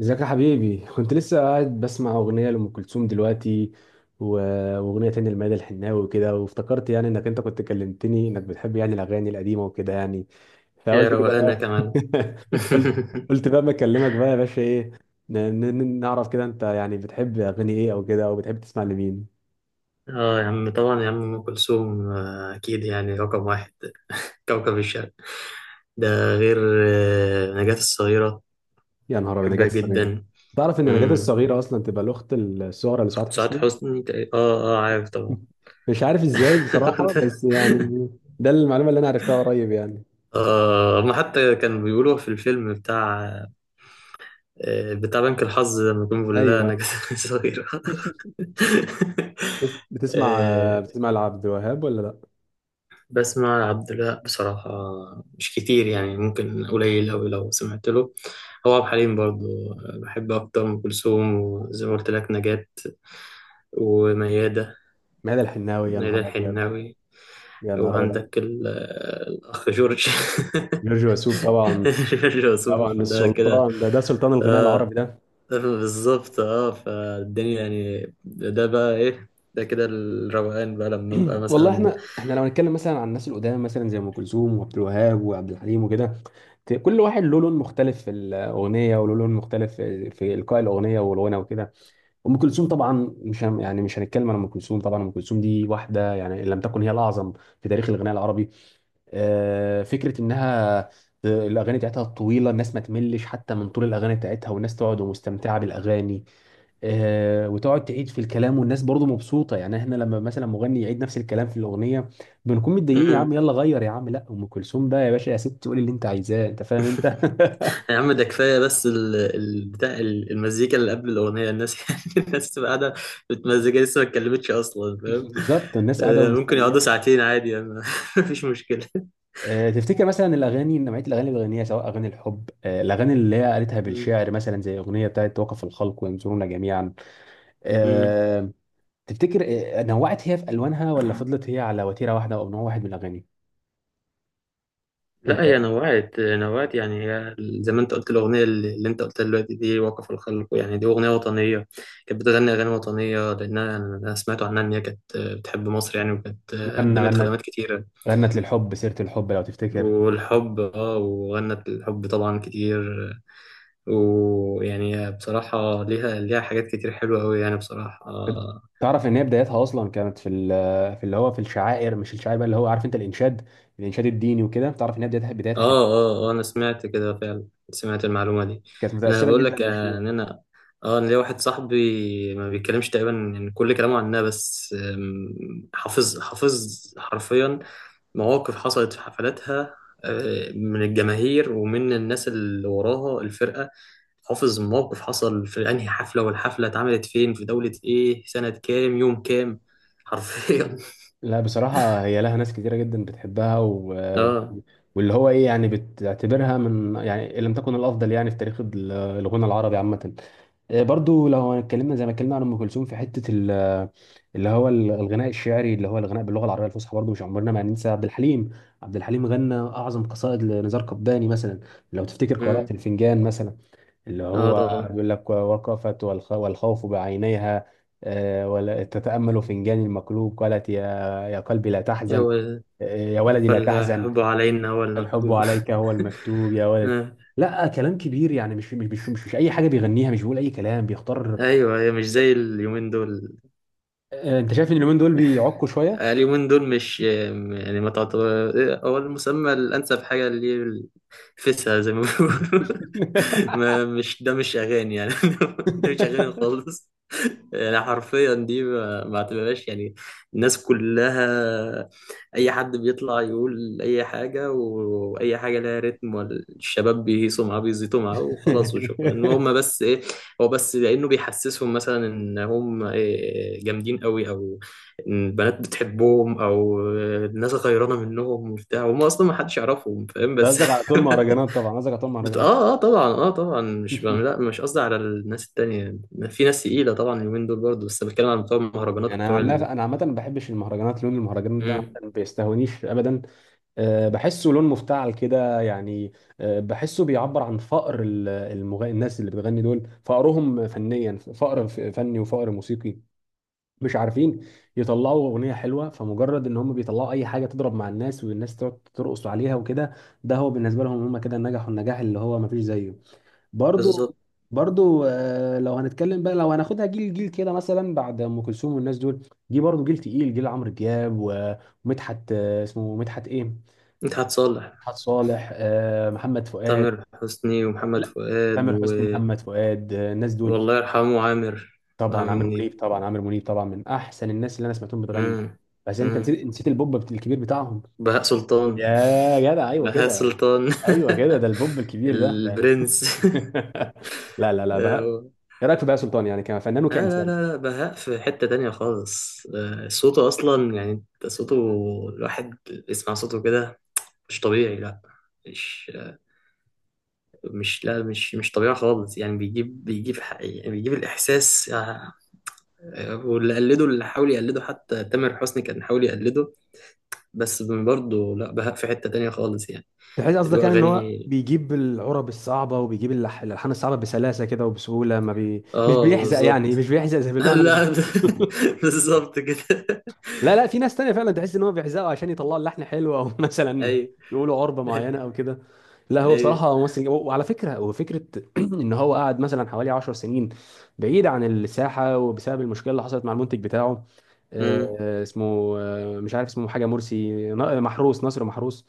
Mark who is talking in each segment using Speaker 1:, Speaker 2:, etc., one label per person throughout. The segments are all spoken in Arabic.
Speaker 1: ازيك يا حبيبي؟ كنت لسه قاعد بسمع اغنيه لام كلثوم دلوقتي و- واغنيه تانية لميادة الحناوي وكده، وافتكرت يعني انك انت كنت كلمتني انك بتحب يعني الاغاني القديمه وكده يعني.
Speaker 2: يا
Speaker 1: فقلت كده
Speaker 2: روقانة
Speaker 1: بقى،
Speaker 2: كمان.
Speaker 1: قلت، قلت بقى ما اكلمك بقى يا باشا، ايه نعرف كده انت يعني بتحب اغاني ايه، او كده، او بتحب تسمع لمين.
Speaker 2: اه يا عم طبعا، يا عم، ام كلثوم، اكيد يعني رقم واحد. كوكب الشرق، ده غير نجاة الصغيرة.
Speaker 1: يا نهار ابيض، نجاة
Speaker 2: بحبها
Speaker 1: الصغيره!
Speaker 2: جدا.
Speaker 1: تعرف ان نجاة
Speaker 2: امم.
Speaker 1: الصغيره اصلا تبقى الاخت الصغرى لسعاد
Speaker 2: سعاد
Speaker 1: حسني؟
Speaker 2: حسني اه، اه، عارف طبعا.
Speaker 1: مش عارف ازاي بصراحه، بس يعني ده المعلومه اللي انا عرفتها قريب يعني.
Speaker 2: اه، ما حتى كانوا بيقولوا في الفيلم بتاع بنك الحظ، لما يكون بيقول لها
Speaker 1: ايوه.
Speaker 2: نجاة الصغيرة.
Speaker 1: بس بتسمع، بتسمع لعبد الوهاب ولا لا؟
Speaker 2: بسمع لعبد الوهاب بصراحة. مش كتير يعني، ممكن قليل أوي لو سمعت له. هو عبد الحليم برضه. بحب أكتر أم كلثوم، وزي ما قلت لك نجاة، وميادة.
Speaker 1: ماذا الحناوي؟ يا
Speaker 2: ميادة
Speaker 1: نهار ابيض!
Speaker 2: الحناوي.
Speaker 1: يا نهار ابيض!
Speaker 2: وعندك الأخ جورج.
Speaker 1: جورج وسوف طبعا.
Speaker 2: جورج
Speaker 1: طبعا
Speaker 2: وسوف ده كده.
Speaker 1: السلطان ده، ده سلطان الغناء العربي
Speaker 2: آه
Speaker 1: ده.
Speaker 2: بالظبط. اه فالدنيا يعني، ده بقى إيه، ده كده الروقان بقى لما ببقى
Speaker 1: والله
Speaker 2: مثلا.
Speaker 1: احنا، احنا لو هنتكلم مثلا عن الناس القدام، مثلا زي ام كلثوم وعبد الوهاب وعبد الحليم وكده، كل واحد له لون مختلف في الاغنيه، وله لون مختلف في القاء الاغنيه والغنى وكده. ام كلثوم طبعا مش هن- يعني مش هنتكلم عن ام كلثوم. طبعا ام كلثوم دي واحده يعني ان لم تكن هي الاعظم في تاريخ الغناء العربي. آه، فكره انها الاغاني بتاعتها طويله، الناس ما تملش حتى من طول الاغاني بتاعتها، والناس تقعد ومستمتعه بالاغاني. آه، وتقعد تعيد في الكلام والناس برضو مبسوطه. يعني احنا لما مثلا مغني يعيد نفس الكلام في الاغنيه بنكون متضايقين، يا عم يلا غير يا عم! لا ام كلثوم بقى يا باشا، يا ست قولي اللي انت عايزاه، انت فاهم انت.
Speaker 2: يا عم، ده كفايه، بس بتاع المزيكا اللي قبل الاغنيه، الناس يعني الناس تبقى قاعده متمزجه، لسه ما اتكلمتش اصلا، فاهم؟
Speaker 1: بالظبط، الناس قاعده
Speaker 2: آه، ممكن
Speaker 1: ومستنيه.
Speaker 2: يقعدوا ساعتين عادي يعني. مفيش مشكله.
Speaker 1: آه، تفتكر مثلا الاغاني، نوعيه الاغاني اللي بيغنيها، سواء اغاني الحب، آه، الاغاني اللي هي قالتها
Speaker 2: مم.
Speaker 1: بالشعر مثلا زي اغنيه بتاعت وقف الخلق وينظرون جميعا،
Speaker 2: مم.
Speaker 1: آه، تفتكر آه، نوعت هي في الوانها، ولا فضلت هي على وتيره واحده او نوع واحد من الاغاني؟
Speaker 2: لا،
Speaker 1: انت
Speaker 2: هي نوعت نوعت يعني، هي زي ما انت قلت الاغنيه اللي انت قلتها دلوقتي دي، وقف الخلق، يعني دي اغنيه وطنيه. كانت بتغني اغاني وطنيه، لانها أنا سمعت عنها ان هي كانت بتحب مصر يعني، وكانت
Speaker 1: مثلا
Speaker 2: قدمت
Speaker 1: غنت،
Speaker 2: خدمات كتيره.
Speaker 1: غنت للحب سيره الحب لو تفتكر.
Speaker 2: والحب وغنت الحب طبعا كتير. ويعني بصراحة ليها حاجات كتير حلوة أوي يعني، بصراحة، آه.
Speaker 1: تعرف ان هي بدايتها اصلا كانت في في اللي هو في الشعائر، مش الشعائر بقى اللي هو، عارف انت، الانشاد، الانشاد الديني وكده. تعرف ان هي بدايتها، بدايتها كانت،
Speaker 2: آه، آه، آه، أنا سمعت كده فعلا، سمعت المعلومة دي.
Speaker 1: كانت
Speaker 2: أنا
Speaker 1: متاثره
Speaker 2: بقول
Speaker 1: جدا
Speaker 2: لك،
Speaker 1: بالشيوخ.
Speaker 2: إن أنا ليا واحد صاحبي ما بيتكلمش تقريبا يعني، كل كلامه عنها بس، حافظ، حافظ حرفيا مواقف حصلت في حفلاتها، من الجماهير ومن الناس اللي وراها الفرقة. حافظ موقف حصل في أنهي حفلة، والحفلة اتعملت فين، في دولة إيه، سنة كام، يوم كام، حرفيا.
Speaker 1: لا بصراحه هي لها ناس كتيره جدا بتحبها و...
Speaker 2: اه.
Speaker 1: واللي هو ايه يعني بتعتبرها من يعني ان لم تكن الافضل يعني في تاريخ الغنى العربي عامه. آه، برضو لو اتكلمنا زي ما اتكلمنا عن ام كلثوم في حته الغناء الشعري اللي هو الغناء باللغه العربيه الفصحى، برضو مش عمرنا ما هننسى عبد الحليم. عبد الحليم غنى اعظم قصائد لنزار قباني مثلا. لو تفتكر قراءه
Speaker 2: مم.
Speaker 1: الفنجان مثلا، اللي
Speaker 2: اه
Speaker 1: هو
Speaker 2: طبعا.
Speaker 1: بيقول لك وقفت والخ- والخوف بعينيها، آه، ولا تتامل فنجان المقلوب، قالت يا، يا قلبي لا تحزن،
Speaker 2: هو
Speaker 1: آه، يا ولدي لا تحزن،
Speaker 2: فالحب علينا هو
Speaker 1: الحب
Speaker 2: المكتوب.
Speaker 1: عليك هو المكتوب يا ولد.
Speaker 2: آه.
Speaker 1: لا كلام كبير يعني، مش اي حاجه بيغنيها، مش بيقول اي كلام، بيختار.
Speaker 2: ايوه، هي مش زي اليومين دول.
Speaker 1: آه، انت شايف ان اليومين دول بيعكوا شويه؟
Speaker 2: آه، اليومين دول مش يعني، ما تعتبر. آه، هو المسمى الأنسب حاجة اللي فيسها زي ما بيقولوا. ما، مش ده مش أغاني يعني. ده مش أغاني خالص. يعني حرفيا دي ما اعتبرهاش يعني. الناس كلها، أي حد بيطلع يقول أي حاجة، وأي حاجة لها رتم والشباب بيهيصوا معاه، بيزيطوا معاه وخلاص وشكرا، وهم بس إيه؟ هو بس لأنه بيحسسهم مثلا إن هم إيه، جامدين قوي، أو البنات بتحبهم، او الناس غيرانه منهم وبتاع، وهم اصلا ما حدش يعرفهم، فاهم؟
Speaker 1: ده
Speaker 2: بس
Speaker 1: قصدك على طول مهرجانات؟ طبعا قصدك على طول مهرجانات.
Speaker 2: اه، اه طبعا، اه طبعا، مش لا مش قصدي على الناس التانية. في ناس تقيلة طبعا اليومين دول برضه، بس بتكلم عن بتوع المهرجانات
Speaker 1: يعني انا
Speaker 2: وبتوع
Speaker 1: عن
Speaker 2: ال.
Speaker 1: انا عامه ما بحبش المهرجانات، لون المهرجانات ده
Speaker 2: مم.
Speaker 1: عامةً ما بيستهونيش ابدا. آه، بحسه لون مفتعل كده يعني. آه، بحسه بيعبر عن فقر الناس اللي بتغني دول، فقرهم فنيا، فقر فني وفقر موسيقي. مش عارفين يطلعوا اغنيه حلوه، فمجرد ان هم بيطلعوا اي حاجه تضرب مع الناس والناس تقعد ترقص عليها وكده، ده هو بالنسبه لهم، هم كده نجحوا النجاح اللي هو ما فيش زيه. برضو،
Speaker 2: بالظبط.
Speaker 1: برضو آه، لو هنتكلم بقى، لو هناخدها جيل جيل كده، مثلا بعد ام كلثوم والناس دول جه برضو جيل تقيل، جيل عمرو دياب، و- ومدحت، آه اسمه مدحت ايه؟
Speaker 2: مدحت صالح.
Speaker 1: مدحت صالح، آه، محمد فؤاد.
Speaker 2: تامر حسني ومحمد
Speaker 1: لا،
Speaker 2: فؤاد
Speaker 1: تامر
Speaker 2: و...
Speaker 1: حسني، محمد فؤاد، آه، الناس دول.
Speaker 2: والله يرحمه عامر.
Speaker 1: طبعا
Speaker 2: عامر
Speaker 1: عامر
Speaker 2: منيب.
Speaker 1: منيب، طبعا عامر منيب طبعا، من احسن الناس اللي انا سمعتهم بتغني.
Speaker 2: مم.
Speaker 1: بس انت
Speaker 2: مم.
Speaker 1: نسيت، نسيت البوب الكبير بتاعهم.
Speaker 2: بهاء سلطان.
Speaker 1: يا جدع ايوه
Speaker 2: بهاء
Speaker 1: كده،
Speaker 2: سلطان.
Speaker 1: ايوه كده، ده البوب الكبير ده، ده
Speaker 2: البرنس.
Speaker 1: لا لا لا، بهاء. ايه رايك في بهاء سلطان يعني كفنان
Speaker 2: آه، لا،
Speaker 1: وكانسان؟
Speaker 2: لا، لا، بهاء في حتة تانية خالص. صوته أصلا يعني، أنت صوته، الواحد يسمع صوته كده، مش طبيعي، لا، مش مش لا، مش مش طبيعي خالص يعني. بيجيب، يعني بيجيب الإحساس، آه. آه، واللي قلده، اللي حاول يقلده، حتى تامر حسني كان حاول يقلده، بس برضه لا، بهاء في حتة تانية خالص يعني.
Speaker 1: بحيث
Speaker 2: اللي
Speaker 1: قصدك
Speaker 2: هو
Speaker 1: يعني ان هو
Speaker 2: أغاني.
Speaker 1: بيجيب العرب الصعبه، وبيجيب الالحان الصعبه بسلاسه كده وبسهوله، ما بي... مش
Speaker 2: آه
Speaker 1: بيحزق يعني،
Speaker 2: بالظبط.
Speaker 1: مش بيحزق زي، بالمعنى.
Speaker 2: لا. بالظبط كده.
Speaker 1: لا لا، في ناس تانية فعلا تحس ان هو بيحزقوا عشان يطلعوا اللحن حلو او مثلا
Speaker 2: أيوه.
Speaker 1: يقولوا عربة معينة او كده. لا، هو
Speaker 2: أيوه.
Speaker 1: بصراحة ممثل وعلى فكرة، وفكرة ان هو قعد مثلا حوالي 10 سنين بعيد عن الساحة، وبسبب المشكلة اللي حصلت مع المنتج بتاعه، آه،
Speaker 2: أمم.
Speaker 1: آه، اسمه آه، مش عارف اسمه، حاجة مرسي، محروس، ناصر محروس.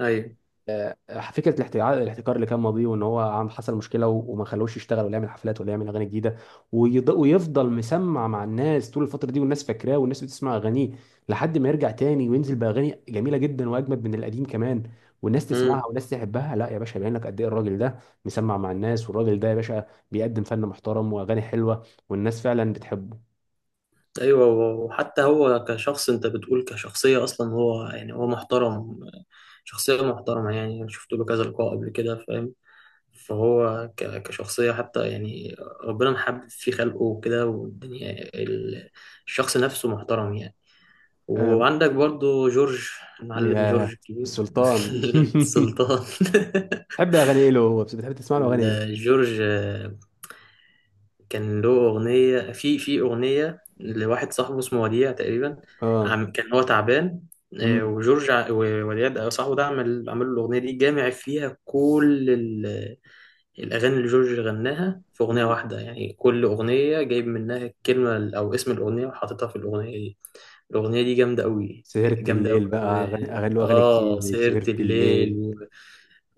Speaker 2: أيوه.
Speaker 1: آه، فكره الاحتكار، الاحتكار اللي كان ماضيه، وان هو عم حصل مشكله و- وما خلوش يشتغل ولا يعمل حفلات ولا يعمل اغاني جديده، ويض- ويفضل مسمع مع الناس طول الفتره دي، والناس فاكراه والناس بتسمع اغانيه، لحد ما يرجع تاني وينزل باغاني جميله جدا واجمد من القديم كمان، والناس تسمعها
Speaker 2: أمم.
Speaker 1: والناس تحبها. لا يا باشا، يبين لك قد ايه الراجل ده مسمع مع الناس، والراجل ده يا باشا بيقدم فن محترم واغاني حلوه، والناس فعلا بتحبه.
Speaker 2: ايوه، وحتى هو كشخص، انت بتقول كشخصيه، اصلا هو يعني هو محترم، شخصيه محترمه يعني، انا شفت له كذا لقاء قبل كده، فاهم؟ فهو كشخصيه حتى يعني، ربنا محبب في خلقه وكده والدنيا، ال- الشخص نفسه محترم يعني.
Speaker 1: آه،
Speaker 2: وعندك برضو جورج، المعلم
Speaker 1: يا
Speaker 2: جورج الكبير.
Speaker 1: السلطان.
Speaker 2: السلطان.
Speaker 1: تحب اغاني ايه له؟ هو بتحب تسمع له اغاني ايه؟
Speaker 2: جورج كان له أغنية في أغنية لواحد صاحبه اسمه وديع تقريبا،
Speaker 1: اه،
Speaker 2: عم كان هو تعبان، آه،
Speaker 1: امم،
Speaker 2: وجورج ووديع صاحبه ده عمل له الأغنية دي، جامع فيها كل الأغاني اللي جورج غناها في أغنية واحدة، يعني كل أغنية جايب منها الكلمة أو اسم الأغنية وحاططها في الأغنية دي. الأغنية دي جامدة أوي،
Speaker 1: سهرة
Speaker 2: جامدة أوي،
Speaker 1: الليل بقى،
Speaker 2: أوي.
Speaker 1: أغاني، أغاني له، أغاني كتير
Speaker 2: آه،
Speaker 1: زي
Speaker 2: سهرة
Speaker 1: سهرة الليل،
Speaker 2: الليل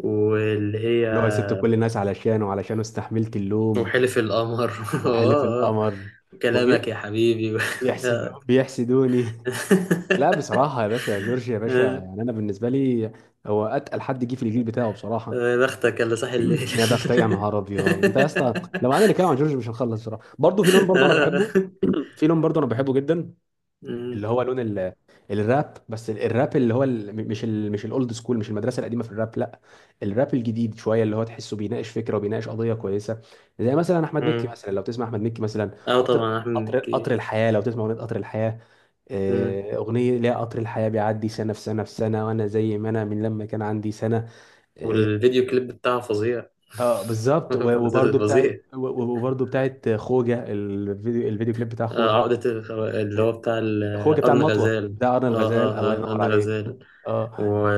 Speaker 2: واللي هي
Speaker 1: اللي هو سبت كل الناس علشانه وعلشانه استحملت اللوم،
Speaker 2: وحلف القمر.
Speaker 1: وحلف
Speaker 2: آه، آه.
Speaker 1: القمر،
Speaker 2: وكلامك
Speaker 1: وبيحسدوني،
Speaker 2: يا حبيبي.
Speaker 1: بيحسدوني. لا بصراحة يا باشا، جورج يا باشا،
Speaker 2: آه،
Speaker 1: يعني أنا بالنسبة لي هو أتقل حد جه في الجيل بتاعه بصراحة.
Speaker 2: يا بختك اللي صاحي الليل.
Speaker 1: يا بختي، يا نهار أبيض! أنت يا اسطى لو قعدنا نتكلم عن جورج مش هنخلص بصراحة. برضه في لون برضه أنا
Speaker 2: اه.
Speaker 1: بحبه، في لون برضه أنا بحبه جدا،
Speaker 2: مم.
Speaker 1: اللي هو لون الراب. بس الراب اللي هو مش الاولد سكول، مش المدرسه القديمه في الراب، لا، الراب الجديد شويه اللي هو تحسه بيناقش فكره وبيناقش قضيه كويسه. زي مثلا احمد مكي
Speaker 2: مم.
Speaker 1: مثلا، لو تسمع احمد مكي مثلا،
Speaker 2: آه
Speaker 1: قطر،
Speaker 2: طبعا، احمد
Speaker 1: قطر، قطر
Speaker 2: مكي.
Speaker 1: الحياه، لو تسمع اغنيه قطر الحياه،
Speaker 2: مم.
Speaker 1: آه، أغنية ليها قطر الحياة بيعدي سنة في سنة في سنة وأنا زي ما أنا من لما كان عندي سنة. اه.
Speaker 2: والفيديو كليب بتاعه فظيع.
Speaker 1: آه، بالظبط، و- وبرضه بتاعت،
Speaker 2: فظيع.
Speaker 1: و- و- وبرضه بتاعت خوجة، الفيديو، الفيديو كليب بتاع
Speaker 2: آه،
Speaker 1: خوجة.
Speaker 2: عقدة اللي
Speaker 1: آه،
Speaker 2: هو بتاع
Speaker 1: خوجة بتاع
Speaker 2: أرن
Speaker 1: المطوة،
Speaker 2: غزال.
Speaker 1: بتاع أرن
Speaker 2: اه،
Speaker 1: الغزال، الله
Speaker 2: اه، اه،
Speaker 1: ينور
Speaker 2: أرن
Speaker 1: عليك.
Speaker 2: غزال
Speaker 1: اه،
Speaker 2: و...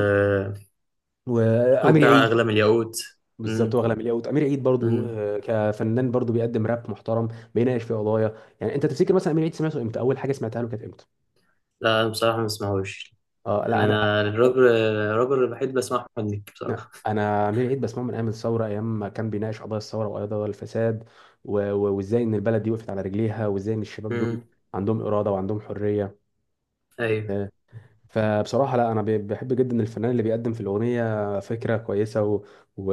Speaker 1: وامير
Speaker 2: وبتاع
Speaker 1: عيد.
Speaker 2: أغلى الياقوت.
Speaker 1: بالظبط هو
Speaker 2: مم.
Speaker 1: اغلى من الياقوت. امير عيد برضو،
Speaker 2: مم.
Speaker 1: آه، كفنان برضو بيقدم راب محترم، بيناقش في قضايا. يعني انت تفتكر مثلا امير عيد سمعته امتى؟ اول حاجه سمعتها له كانت امتى؟
Speaker 2: لا، أنا بصراحة ما بسمعوش،
Speaker 1: اه لا،
Speaker 2: يعني
Speaker 1: انا،
Speaker 2: أنا
Speaker 1: انا
Speaker 2: الرابر، الوحيد بسمع أحمد مكي.
Speaker 1: لا، أنا امير عيد بسمعه من ايام الثوره، ايام ما كان بيناقش قضايا الثوره وقضايا الفساد و- و- وازاي ان البلد دي وقفت على رجليها، وازاي ان الشباب دول
Speaker 2: بصراحة.
Speaker 1: عندهم اراده وعندهم حريه.
Speaker 2: ايوه.
Speaker 1: آه، فبصراحة لا، أنا بحب جدا الفنان اللي بيقدم في الأغنية فكرة كويسة و... و...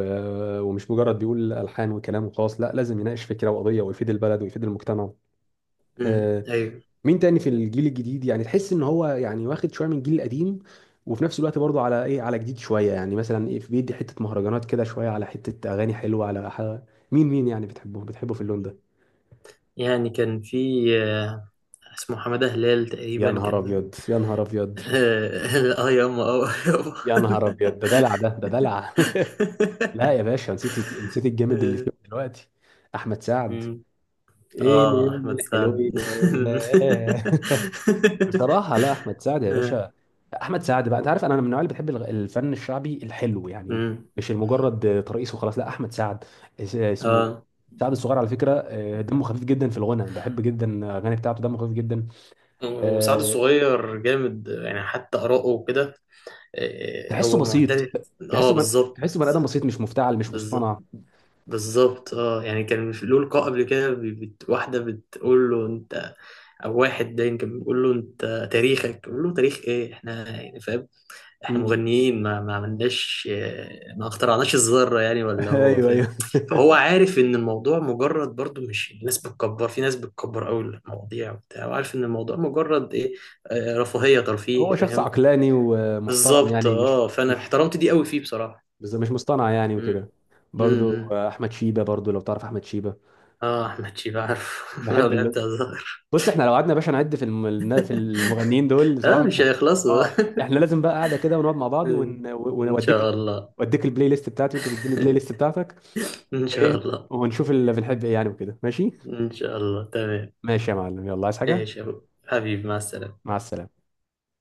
Speaker 1: ومش مجرد بيقول ألحان وكلام وخلاص، لا، لازم يناقش فكرة وقضية ويفيد البلد ويفيد المجتمع.
Speaker 2: امم.
Speaker 1: آه،
Speaker 2: ايوه.
Speaker 1: مين تاني في الجيل الجديد يعني تحس إن هو يعني واخد شوية من الجيل القديم، وفي نفس الوقت برضه على إيه، على جديد شوية يعني، مثلا إيه بيدي حتة مهرجانات كده شوية على حتة أغاني حلوة على ح... مين، مين يعني بتحبه، بتحبه في اللون ده؟
Speaker 2: يعني كان في، آه، اسمه حماده هلال
Speaker 1: يا
Speaker 2: تقريبا
Speaker 1: نهار
Speaker 2: كان.
Speaker 1: أبيض! يا نهار أبيض!
Speaker 2: اه، آه، ياما، اه، ياما.
Speaker 1: يا نهار أبيض ده دلع، ده ده دلع. لا يا باشا، نسيت، نسيت الجامد اللي فيه دلوقتي، احمد سعد،
Speaker 2: أمم.
Speaker 1: ايه
Speaker 2: اه،
Speaker 1: اليوم
Speaker 2: احمد
Speaker 1: الحلو
Speaker 2: سعد.
Speaker 1: ده. بصراحه لا، احمد سعد يا باشا، احمد سعد بقى، انت عارف انا من النوع اللي بتحب الفن الشعبي الحلو يعني،
Speaker 2: أمم.
Speaker 1: مش المجرد ترقيص وخلاص. لا، احمد سعد اسمه
Speaker 2: اه،
Speaker 1: سعد الصغير على فكره، آه، دمه خفيف جدا في الغنى، بحب جدا الاغاني بتاعته، دمه خفيف جدا.
Speaker 2: وسعد
Speaker 1: آه،
Speaker 2: الصغير جامد يعني، حتى آراءه وكده. آه،
Speaker 1: تحسه
Speaker 2: هو
Speaker 1: بسيط،
Speaker 2: معترف. اه، بالظبط،
Speaker 1: تحسه بني ادم بسيط، مش مفتعل مش
Speaker 2: بالظبط،
Speaker 1: مصطنع.
Speaker 2: بالظبط. اه يعني كان له لقاء قبل كده، واحدة بتقول له انت، او واحد ده كان بيقول له انت تاريخك، بيقول له تاريخ ايه، احنا يعني فاهم، احنا
Speaker 1: مم.
Speaker 2: مغنيين، ما عملناش، ما اخترعناش الذرة يعني، ولا هو
Speaker 1: ايوه
Speaker 2: فاهم.
Speaker 1: ايوه.
Speaker 2: فهو عارف ان الموضوع مجرد برضو، مش الناس بتكبر، في ناس بتكبر قوي المواضيع وبتاع، وعارف ان الموضوع مجرد ايه، رفاهية، ترفيه،
Speaker 1: هو شخص
Speaker 2: فاهم.
Speaker 1: عقلاني ومحترم،
Speaker 2: بالظبط.
Speaker 1: يعني مش،
Speaker 2: اه فانا
Speaker 1: مش،
Speaker 2: احترمت دي قوي فيه بصراحة.
Speaker 1: بس مش مصطنع يعني
Speaker 2: امم.
Speaker 1: وكده.
Speaker 2: إمم،
Speaker 1: برضو
Speaker 2: إمم.
Speaker 1: احمد شيبة، برضو لو تعرف احمد شيبة،
Speaker 2: اه، احمد شيبة عارف، لو
Speaker 1: بحب
Speaker 2: لعبت
Speaker 1: اللون.
Speaker 2: هزار.
Speaker 1: بص احنا لو قعدنا يا باشا نعد في في المغنيين دول بصراحة
Speaker 2: اه،
Speaker 1: مش
Speaker 2: مش هيخلصوا.
Speaker 1: اه احنا لازم بقى قاعدة كده ونقعد مع بعض ون...
Speaker 2: ان شاء
Speaker 1: ونوديك،
Speaker 2: الله.
Speaker 1: وديك البلاي ليست بتاعتي وانت تديني البلاي ليست بتاعتك،
Speaker 2: ان شاء
Speaker 1: وايه،
Speaker 2: الله.
Speaker 1: ونشوف اللي بنحب ايه يعني وكده ماشي.
Speaker 2: ان شاء الله، تمام.
Speaker 1: ماشي يا معلم، يلا عايز حاجة؟
Speaker 2: ايش يا أبو- حبيبي، مع السلامة.
Speaker 1: مع السلامة.